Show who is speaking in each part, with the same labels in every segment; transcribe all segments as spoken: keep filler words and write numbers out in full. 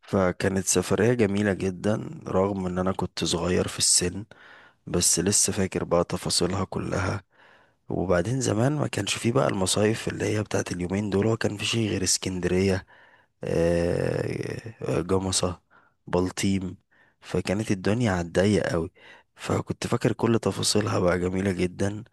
Speaker 1: فكانت سفرية جميلة جدا رغم ان انا كنت صغير في السن. بس لسه فاكر بقى تفاصيلها كلها. وبعدين زمان ما كانش فيه بقى المصايف اللي هي بتاعت اليومين دول، هو كان في شيء غير اسكندرية. آه، آه، جمصة، بلطيم. فكانت الدنيا على الضيق قوي. فكنت فاكر كل تفاصيلها بقى جميلة جدا.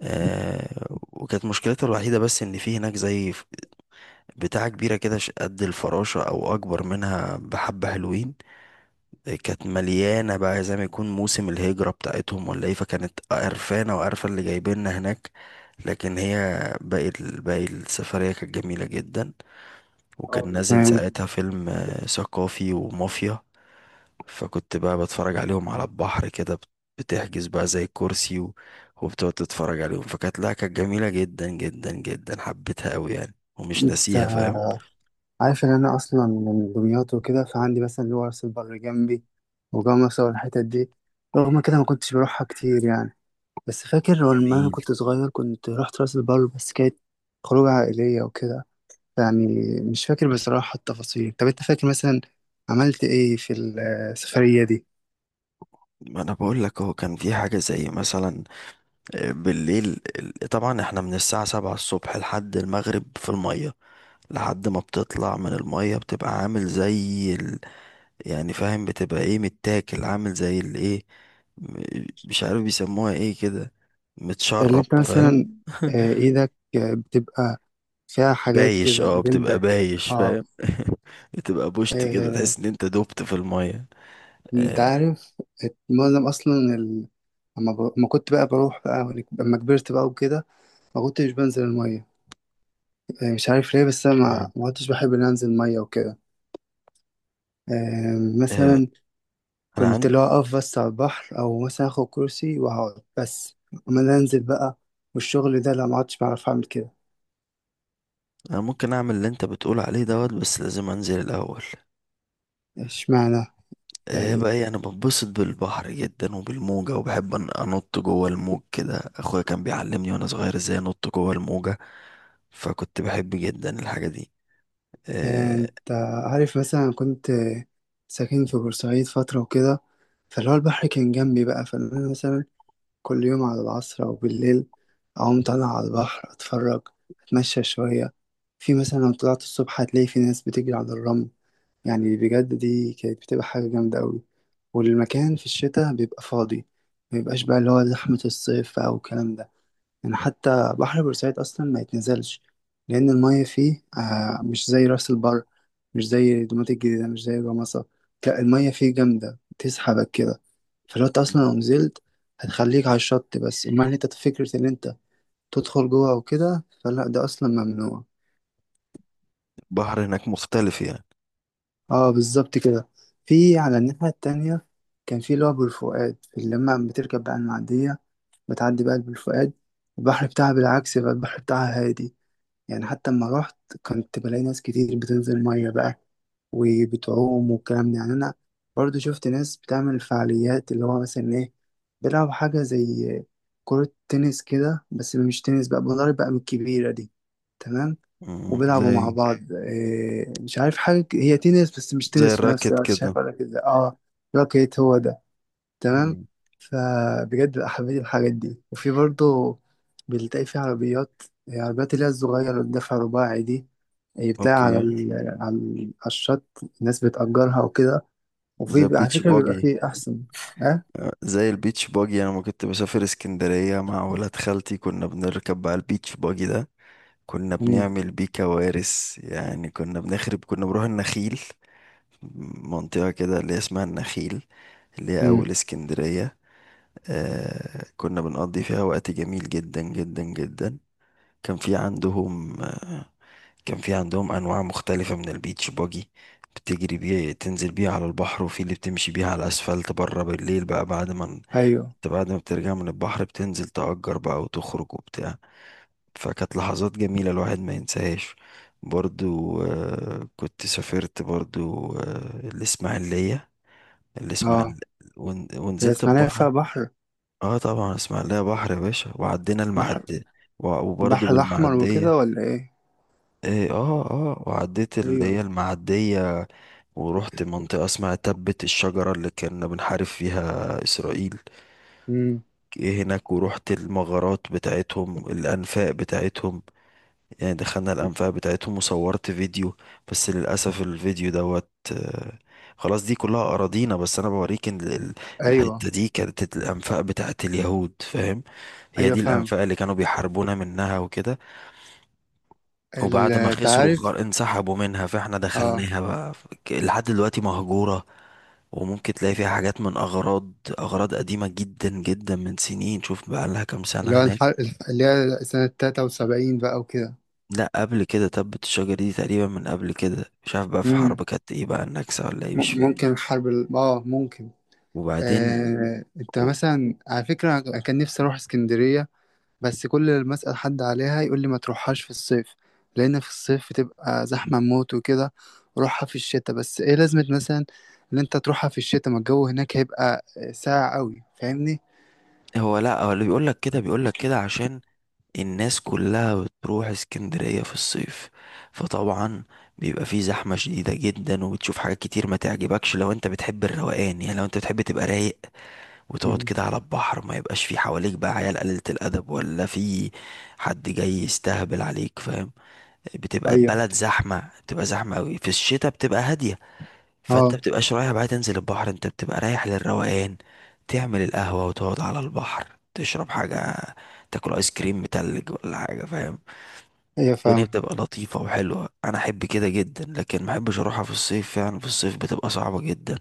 Speaker 1: آه، وكانت مشكلتها الوحيدة بس ان في هناك زي بتاعة كبيرة كده ش- قد الفراشة أو أكبر منها بحبة، حلوين. كانت مليانة بقى زي ما يكون موسم الهجرة بتاعتهم ولا إيه، فكانت قرفانة وقرفة اللي جايبيننا هناك. لكن هي باقي ال- باقي السفرية كانت جميلة جدا. وكان نازل
Speaker 2: آه،
Speaker 1: ساعتها فيلم آه، ثقافي ومافيا. فكنت بقى بتفرج عليهم على البحر كده، بت- بتحجز بقى زي كرسي و- وبتقعد تتفرج عليهم. فكانت لا كانت جميلة جدا جدا جدا، حبيتها أوي يعني ومش
Speaker 2: انت
Speaker 1: ناسيها، فاهم؟
Speaker 2: عارف ان انا اصلا من دمياط وكده، فعندي مثلا اللي هو راس البر جنبي وجمصة والحتت دي. رغم كده ما كنتش بروحها كتير يعني. بس فاكر لما انا
Speaker 1: جميل.
Speaker 2: كنت صغير كنت رحت راس البر، بس كانت خروجة عائلية وكده. يعني مش فاكر بصراحة التفاصيل. طب انت فاكر مثلا عملت ايه في السفرية دي؟
Speaker 1: ما انا بقول لك، هو كان في حاجه زي مثلا آه، بالليل ال- طبعا احنا من الساعه سبعة الصبح لحد المغرب في الميه. لحد ما بتطلع من الميه بتبقى عامل زي ال... يعني فاهم؟ بتبقى ايه، متاكل، عامل زي الايه، م- مش عارف بيسموها ايه كده،
Speaker 2: اللي
Speaker 1: متشرب،
Speaker 2: انت مثلا
Speaker 1: فاهم؟
Speaker 2: آه، ايدك آه، بتبقى فيها حاجات
Speaker 1: بايش،
Speaker 2: كده،
Speaker 1: اه بتبقى
Speaker 2: جلدك.
Speaker 1: بايش، فاهم؟ بتبقى بوشت كده،
Speaker 2: اه
Speaker 1: تحس ان انت دبت في الميه.
Speaker 2: انت
Speaker 1: آه،
Speaker 2: عارف معظم اصلا ال... اما ب... ما كنت بقى بروح بقى ولك- اما كبرت بقى وكده ما كنتش بنزل الميه. آه، مش عارف ليه، بس انا ما,
Speaker 1: اشمعنى؟
Speaker 2: ما كنتش بحب ان انزل الميه وكده. آه،
Speaker 1: آه،
Speaker 2: مثلا كنت
Speaker 1: انا
Speaker 2: لو اقف بس على البحر او مثلا اخد كرسي واقعد بس، اما أنا انزل بقى والشغل ده، لا ما عدتش بعرف اعمل كده.
Speaker 1: انا ممكن اعمل اللي انت بتقول عليه دوت، بس لازم انزل الاول.
Speaker 2: اشمعنى
Speaker 1: ايه
Speaker 2: يعني؟
Speaker 1: بقى إيه، انا بنبسط بالبحر جدا وبالموجة، وبحب أن- انط جوه الموج كده، اخويا كان بيعلمني وانا صغير ازاي انط جوه الموجة. فكنت بحب جدا الحاجة دي.
Speaker 2: آه،
Speaker 1: إيه،
Speaker 2: انت عارف مثلا كنت ساكن في بورسعيد فتره وكده، فاللي هو البحر كان جنبي بقى. فانا مثلا كل يوم على العصر أو بالليل أقوم طالع على البحر أتفرج، أتمشى شوية. في مثلا لو طلعت الصبح هتلاقي في ناس بتجري على الرمل، يعني بجد دي كانت بتبقى حاجة جامدة أوي. والمكان في الشتاء بيبقى فاضي، مبيبقاش بقى اللي هو زحمة الصيف أو الكلام ده. يعني حتى بحر بورسعيد أصلا ما يتنزلش، لأن المية فيه آه مش زي راس البر، مش زي دومات الجديدة، مش زي جمصة. لا المية فيه جامدة تسحبك كده. فلو أنت أصلا لو نزلت هتخليك على الشط بس، أما إن أنت فكرة إن أنت تدخل جوه وكده، فلا ده أصلا ممنوع.
Speaker 1: البحر هناك مختلف يعني.
Speaker 2: اه بالظبط كده. في على الناحية التانية كان في اللي هو بالفؤاد، اللي لما بتركب بقى المعدية بتعدي بقى بالفؤاد، البحر بتاعها بالعكس بقى، البحر بتاعها هادي. يعني حتى لما رحت كنت بلاقي ناس كتير بتنزل مية بقى وبتعوم والكلام ده. يعني أنا برضو شفت ناس بتعمل فعاليات اللي هو مثلا إيه، بيلعبوا حاجة زي كرة تنس كده بس مش تنس، بقى بضرب بقى من الكبيرة دي. تمام.
Speaker 1: مم،
Speaker 2: وبيلعبوا مع
Speaker 1: زي
Speaker 2: بعض، إيه مش عارف حاجة ك- هي تنس بس مش
Speaker 1: زي
Speaker 2: تنس في نفس
Speaker 1: الراكت
Speaker 2: الوقت،
Speaker 1: كده.
Speaker 2: شايف ولا كده؟ اه. راكيت هو ده. تمام.
Speaker 1: مم،
Speaker 2: فبجد بقى حبيت الحاجات دي. وفي برضه بتلاقي في عربيات، يعني عربيات اللي هي الصغيرة اللي بدفع رباعي دي، هي بتلاقي
Speaker 1: اوكي.
Speaker 2: على ال... على ال- على الشط الناس بتأجرها وكده.
Speaker 1: زي
Speaker 2: وفي على
Speaker 1: البيتش
Speaker 2: فكرة بيبقى
Speaker 1: باجي.
Speaker 2: فيه أحسن. أه؟
Speaker 1: آه، زي البيتش باجي، انا ما كنت بسافر اسكندرية مع ولاد خالتي كنا بنركب بقى البيتش باجي ده. كنا
Speaker 2: مم.
Speaker 1: بنعمل بيه كوارث يعني، كنا بنخرب، كنا بنروح النخيل. منطقة كده اللي هي اسمها النخيل، اللي هي
Speaker 2: مم.
Speaker 1: أول اسكندرية. آه كنا بنقضي فيها وقت جميل جدا جدا جدا. كان في عندهم آه كان في عندهم أنواع مختلفة من البيتش باجي. بتجري بيه، تنزل بيه على البحر، وفي اللي بتمشي بيه على الأسفلت بره بالليل بقى، بعد ما انت
Speaker 2: أيوه.
Speaker 1: بعد ما بترجع من البحر بتنزل تأجر بقى وتخرج وبتاع. فكانت لحظات جميلة الواحد ما ينساهاش. برضو آه، كنت سافرت برضو آه، الإسماعيلية.
Speaker 2: أه.
Speaker 1: الإسماعيل ون-
Speaker 2: هي
Speaker 1: ونزلت
Speaker 2: إسماعيلية
Speaker 1: البحر.
Speaker 2: فيها بحر؟
Speaker 1: اه طبعا إسماعيلية بحر يا باشا، وعدينا
Speaker 2: بحر.
Speaker 1: المعدية. و- وبرضو
Speaker 2: بحر الأحمر
Speaker 1: بالمعدية.
Speaker 2: وكده ولا إيه؟
Speaker 1: إيه، اه اه وعديت اللي هي
Speaker 2: أيوه.
Speaker 1: المعدية، ورحت منطقة اسمها تبة الشجرة اللي كنا بنحارب فيها إسرائيل.
Speaker 2: مم.
Speaker 1: إيه هناك، ورحت المغارات بتاعتهم، الأنفاق بتاعتهم. يعني دخلنا الأنفاق بتاعتهم وصورت فيديو، بس للأسف الفيديو دوت آه، خلاص. دي كلها أراضينا، بس أنا بوريك إن ال- ال-
Speaker 2: أيوه.
Speaker 1: الحتة دي كانت الأنفاق بتاعت اليهود، فاهم؟ هي
Speaker 2: أيوه
Speaker 1: دي
Speaker 2: فاهم.
Speaker 1: الأنفاق اللي كانوا بيحاربونا منها وكده. وبعد ما
Speaker 2: ال-
Speaker 1: خسروا،
Speaker 2: تعرف.
Speaker 1: خر- انسحبوا منها فإحنا
Speaker 2: أه.
Speaker 1: دخلناها بقى، ف- ك- لحد دلوقتي مهجورة. وممكن تلاقي فيها حاجات من أغراض أغراض قديمة جدا جدا من سنين، شوف بقى لها كام
Speaker 2: اللي
Speaker 1: سنة
Speaker 2: هو الح...
Speaker 1: هناك.
Speaker 2: اللي هي سنة تلاتة وسبعين بقى
Speaker 1: لا قبل كده، تبت الشجرة دي تقريبا من قبل كده، مش عارف بقى في
Speaker 2: وكده.
Speaker 1: حرب كانت ايه بقى، النكسة ولا ايه، مش
Speaker 2: م-
Speaker 1: فاكر.
Speaker 2: ممكن حرب ال... اه، ممكن.
Speaker 1: وبعدين
Speaker 2: آه... انت
Speaker 1: و-
Speaker 2: مثلا على فكرة أنا كان نفسي اروح اسكندرية، بس كل اللي بسأل حد عليها يقول لي ما تروحهاش في الصيف، لان في الصيف بتبقى زحمة موت وكده. روحها في الشتاء. بس ايه لازمة مثلا ان انت تروحها في الشتاء؟ ما الجو هناك هيبقى ساقع قوي، فاهمني؟
Speaker 1: هو لا هو اللي بيقول لك كده بيقول لك كده عشان الناس كلها بتروح اسكندرية في الصيف. فطبعا بيبقى فيه زحمة شديدة جدا، وبتشوف حاجات كتير ما تعجبكش لو انت بتحب الروقان. يعني لو انت بتحب تبقى رايق وتقعد
Speaker 2: مم.
Speaker 1: كده على البحر، ما يبقاش فيه حواليك بقى عيال قليلة الأدب، ولا فيه حد جاي يستهبل عليك، فاهم؟ بتبقى
Speaker 2: ايوه.
Speaker 1: البلد زحمة، بتبقى زحمة قوي. في الشتاء بتبقى هادية، فانت
Speaker 2: اه.
Speaker 1: بتبقاش رايح بقى تنزل البحر، انت بتبقى رايح للروقان، تعمل القهوة وتقعد على البحر تشرب حاجة، تاكل ايس كريم متلج ولا حاجة، فاهم؟
Speaker 2: ايوه
Speaker 1: الدنيا
Speaker 2: فاهم.
Speaker 1: بتبقى لطيفة وحلوة، انا احب كده جدا. لكن ما احبش اروحها في الصيف يعني، في الصيف بتبقى صعبة جدا،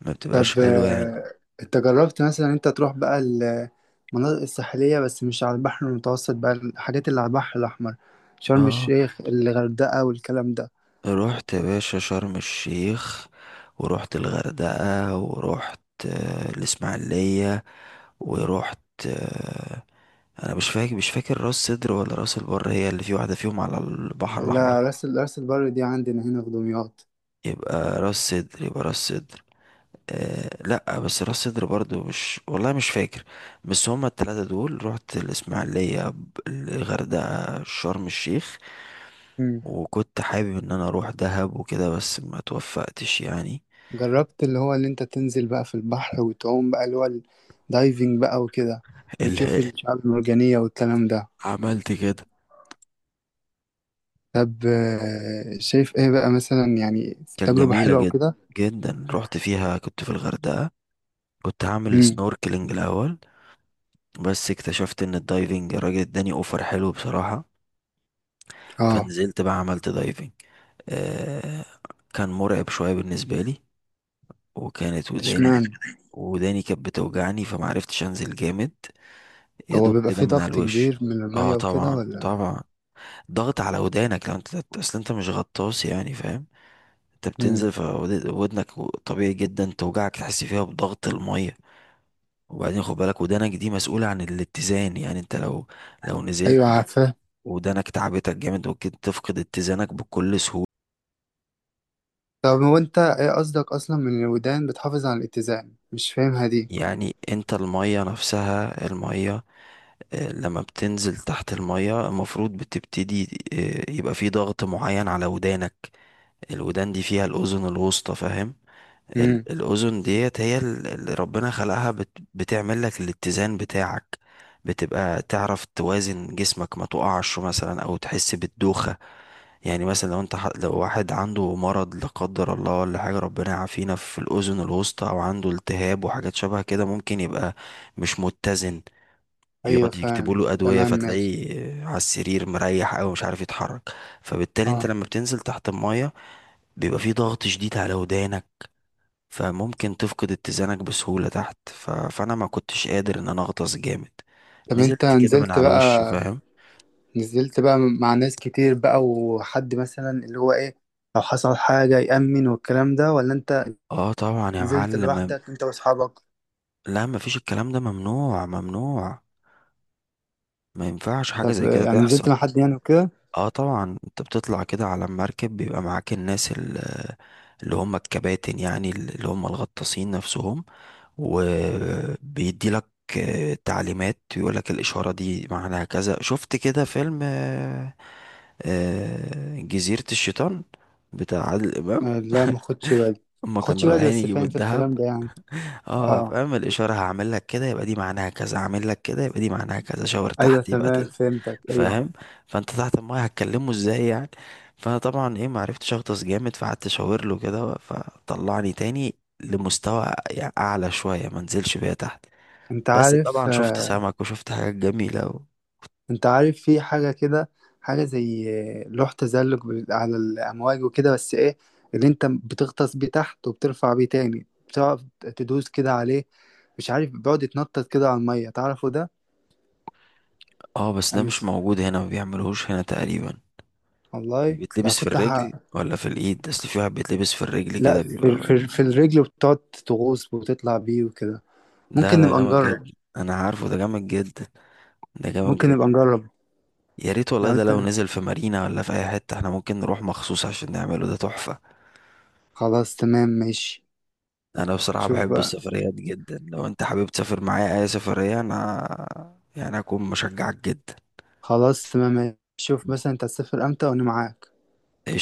Speaker 1: ما بتبقاش
Speaker 2: طب
Speaker 1: حلوة يعني.
Speaker 2: آه، انت جربت مثلا انت تروح بقى المناطق الساحلية بس مش على البحر المتوسط بقى، الحاجات اللي على البحر الأحمر؟ شرم
Speaker 1: اه،
Speaker 2: الشيخ، الغردقة والكلام ده.
Speaker 1: رحت يا باشا شرم الشيخ، ورحت الغردقة، ورحت آه، الإسماعيلية، ورحت آه، أنا مش فاكر، مش فاكر، راس سدر ولا راس البر هي اللي في، واحدة فيهم على البحر الأحمر.
Speaker 2: لا راس ال- راس البر دي عندنا هنا في دمياط.
Speaker 1: يبقى راس سدر، يبقى راس سدر. أه لأ، بس راس سدر برضو مش، والله مش فاكر. بس هما التلاتة دول رحت الإسماعيلية، ب- الغردقة، شرم الشيخ.
Speaker 2: مم.
Speaker 1: وكنت حابب ان انا اروح دهب وكده، بس ما توفقتش يعني.
Speaker 2: جربت اللي هو اللي انت تنزل بقى في البحر وتعوم بقى، اللي هو الدايفنج بقى وكده، وتشوف الشعاب المرجانية والكلام ده؟
Speaker 1: عملت كده،
Speaker 2: طب آه، شايف ايه بقى مثلا يعني؟
Speaker 1: كانت
Speaker 2: تجربة
Speaker 1: جميلة
Speaker 2: حلوة
Speaker 1: جدا
Speaker 2: وكده؟
Speaker 1: جدا. رحت فيها كنت في الغردقة، كنت هعمل
Speaker 2: امم.
Speaker 1: سنوركلينج الأول، بس اكتشفت إن الدايفنج الراجل اداني أوفر، حلو بصراحة.
Speaker 2: اه.
Speaker 1: فنزلت بقى عملت دايفنج. آه كان مرعب شوية بالنسبة لي، وكانت
Speaker 2: ده
Speaker 1: وداني
Speaker 2: اشمعنى؟
Speaker 1: وداني كانت بتوجعني فمعرفتش أنزل جامد، يا
Speaker 2: هو
Speaker 1: دوب
Speaker 2: بيبقى
Speaker 1: كده
Speaker 2: فيه
Speaker 1: من على
Speaker 2: ضغط
Speaker 1: الوش.
Speaker 2: كبير من
Speaker 1: اه
Speaker 2: المية وكده
Speaker 1: طبعا
Speaker 2: ولا؟
Speaker 1: طبعا، ضغط على ودانك. لو انت، اصل انت مش غطاس يعني فاهم؟ انت
Speaker 2: امم.
Speaker 1: بتنزل فودنك، طبيعي جدا توجعك، تحس فيها بضغط المية. وبعدين خد بالك ودانك دي مسؤولة عن الاتزان، يعني انت لو لو
Speaker 2: ايوه
Speaker 1: نزلت و-
Speaker 2: عارفاه.
Speaker 1: ودانك تعبتك جامد، ممكن تفقد اتزانك بكل سهولة.
Speaker 2: طب هو انت ايه قصدك اصلا من الودان بتحافظ على الاتزان؟ مش فاهمها دي.
Speaker 1: يعني انت المية نفسها، المية آه، لما بتنزل تحت المية المفروض بتبتدي آه، يبقى في ضغط معين على ودانك. الودان دي فيها الأذن الوسطى، فاهم؟
Speaker 2: امم.
Speaker 1: ال- الأذن ديت هي ال- اللي ربنا خلقها بت بتعمل لك الاتزان بتاعك، بتبقى تعرف توازن جسمك، ما تقعش مثلا او تحس بالدوخة. يعني مثلا لو انت ح- لو واحد عنده مرض لا قدر الله ولا حاجة، ربنا يعافينا، في الأذن الوسطى او عنده التهاب وحاجات شبه كده، ممكن يبقى مش متزن،
Speaker 2: ايوه
Speaker 1: يقعد يكتبوا
Speaker 2: فاهم.
Speaker 1: له أدوية
Speaker 2: تمام ماشي.
Speaker 1: فتلاقيه على السرير مريح أوي مش عارف يتحرك. فبالتالي انت
Speaker 2: اه.
Speaker 1: لما بتنزل تحت المية بيبقى في ضغط شديد على ودانك، فممكن تفقد اتزانك بسهولة تحت. ف... فأنا ما كنتش قادر إن أنا أغطس جامد،
Speaker 2: طب انت
Speaker 1: نزلت كده من
Speaker 2: نزلت
Speaker 1: على الوش،
Speaker 2: بقى،
Speaker 1: فاهم؟
Speaker 2: نزلت بقى مع ناس كتير بقى، وحد مثلا اللي هو ايه لو حصل حاجة يأمن والكلام ده، ولا انت
Speaker 1: اه طبعا يا
Speaker 2: نزلت
Speaker 1: معلم،
Speaker 2: لوحدك انت واصحابك؟
Speaker 1: لا مفيش الكلام ده ممنوع ممنوع، ما ينفعش حاجة
Speaker 2: طب
Speaker 1: زي
Speaker 2: آه،
Speaker 1: كده
Speaker 2: يعني
Speaker 1: تحصل.
Speaker 2: نزلت مع حد يعني وكده؟
Speaker 1: اه طبعا انت بتطلع كده على المركب، بيبقى معاك الناس ال- اللي هم الكباتن، يعني اللي هم الغطاسين نفسهم، وبيدي لك تعليمات، يقول لك الإشارة دي معناها كذا. شفت كده فيلم آه، جزيرة الشيطان بتاع عادل إمام؟
Speaker 2: آه، لا ما خدش بالي.
Speaker 1: هما
Speaker 2: ما
Speaker 1: كانوا
Speaker 2: خدش بالي
Speaker 1: رايحين
Speaker 2: بس
Speaker 1: يجيبوا
Speaker 2: فاهم في
Speaker 1: الذهب.
Speaker 2: الكلام ده يعني.
Speaker 1: اه
Speaker 2: اه
Speaker 1: فاهم، الإشارة هعمل لك كده يبقى دي معناها كذا، هعمل لك كده يبقى دي معناها كذا، شاور
Speaker 2: ايوه
Speaker 1: تحت يبقى
Speaker 2: تمام
Speaker 1: تد-
Speaker 2: فهمتك ايوه.
Speaker 1: فاهم؟ فانت تحت المايه هتكلمه ازاي يعني؟ فانا طبعا ايه معرفتش اغطس جامد، فقعدت اشاور له كده فطلعني تاني لمستوى يعني اعلى شوية، ما نزلش بيها تحت.
Speaker 2: انت
Speaker 1: بس
Speaker 2: عارف
Speaker 1: طبعا شفت
Speaker 2: آه،
Speaker 1: سمك وشفت حاجات جميلة و...
Speaker 2: انت عارف في حاجة كده، حاجة زي آه، لوح تزلج بال- على الأمواج وكده، بس ايه، اللي انت بتغطس بيه تحت وبترفع بيه تاني، بتقعد تدوس كده عليه، مش عارف بيقعد يتنطط كده على المية، تعرفه ده؟
Speaker 1: اه بس
Speaker 2: أنا
Speaker 1: ده
Speaker 2: مش...
Speaker 1: مش موجود هنا، ما بيعملوهوش هنا تقريبا. اللي
Speaker 2: والله ده
Speaker 1: بيتلبس في
Speaker 2: كنت ح...
Speaker 1: الرجل ولا في الايد؟ اصل في واحد بيتلبس في الرجل
Speaker 2: لا
Speaker 1: كده
Speaker 2: في,
Speaker 1: بيبقى،
Speaker 2: في, في الرجل بتقعد تغوص وتطلع بيه وكده.
Speaker 1: لا
Speaker 2: ممكن
Speaker 1: ده
Speaker 2: نبقى
Speaker 1: جامد
Speaker 2: نجرب.
Speaker 1: جدا، انا عارفه، ده جامد جدا، ده جامد
Speaker 2: ممكن
Speaker 1: جدا.
Speaker 2: نبقى نجرب.
Speaker 1: يا ريت والله،
Speaker 2: لو
Speaker 1: ده
Speaker 2: انت...
Speaker 1: لو نزل في مارينا ولا في اي حته احنا ممكن نروح مخصوص عشان نعمله، ده تحفه.
Speaker 2: خلاص تمام ماشي.
Speaker 1: انا بصراحه
Speaker 2: شوف
Speaker 1: بحب
Speaker 2: بقى.
Speaker 1: السفريات جدا، لو انت حابب تسافر معايا اي سفريه انا يعني هكون مشجعك جدا.
Speaker 2: خلاص تمام ماشي. شوف مثلا انت هتسافر امتى وانا معاك.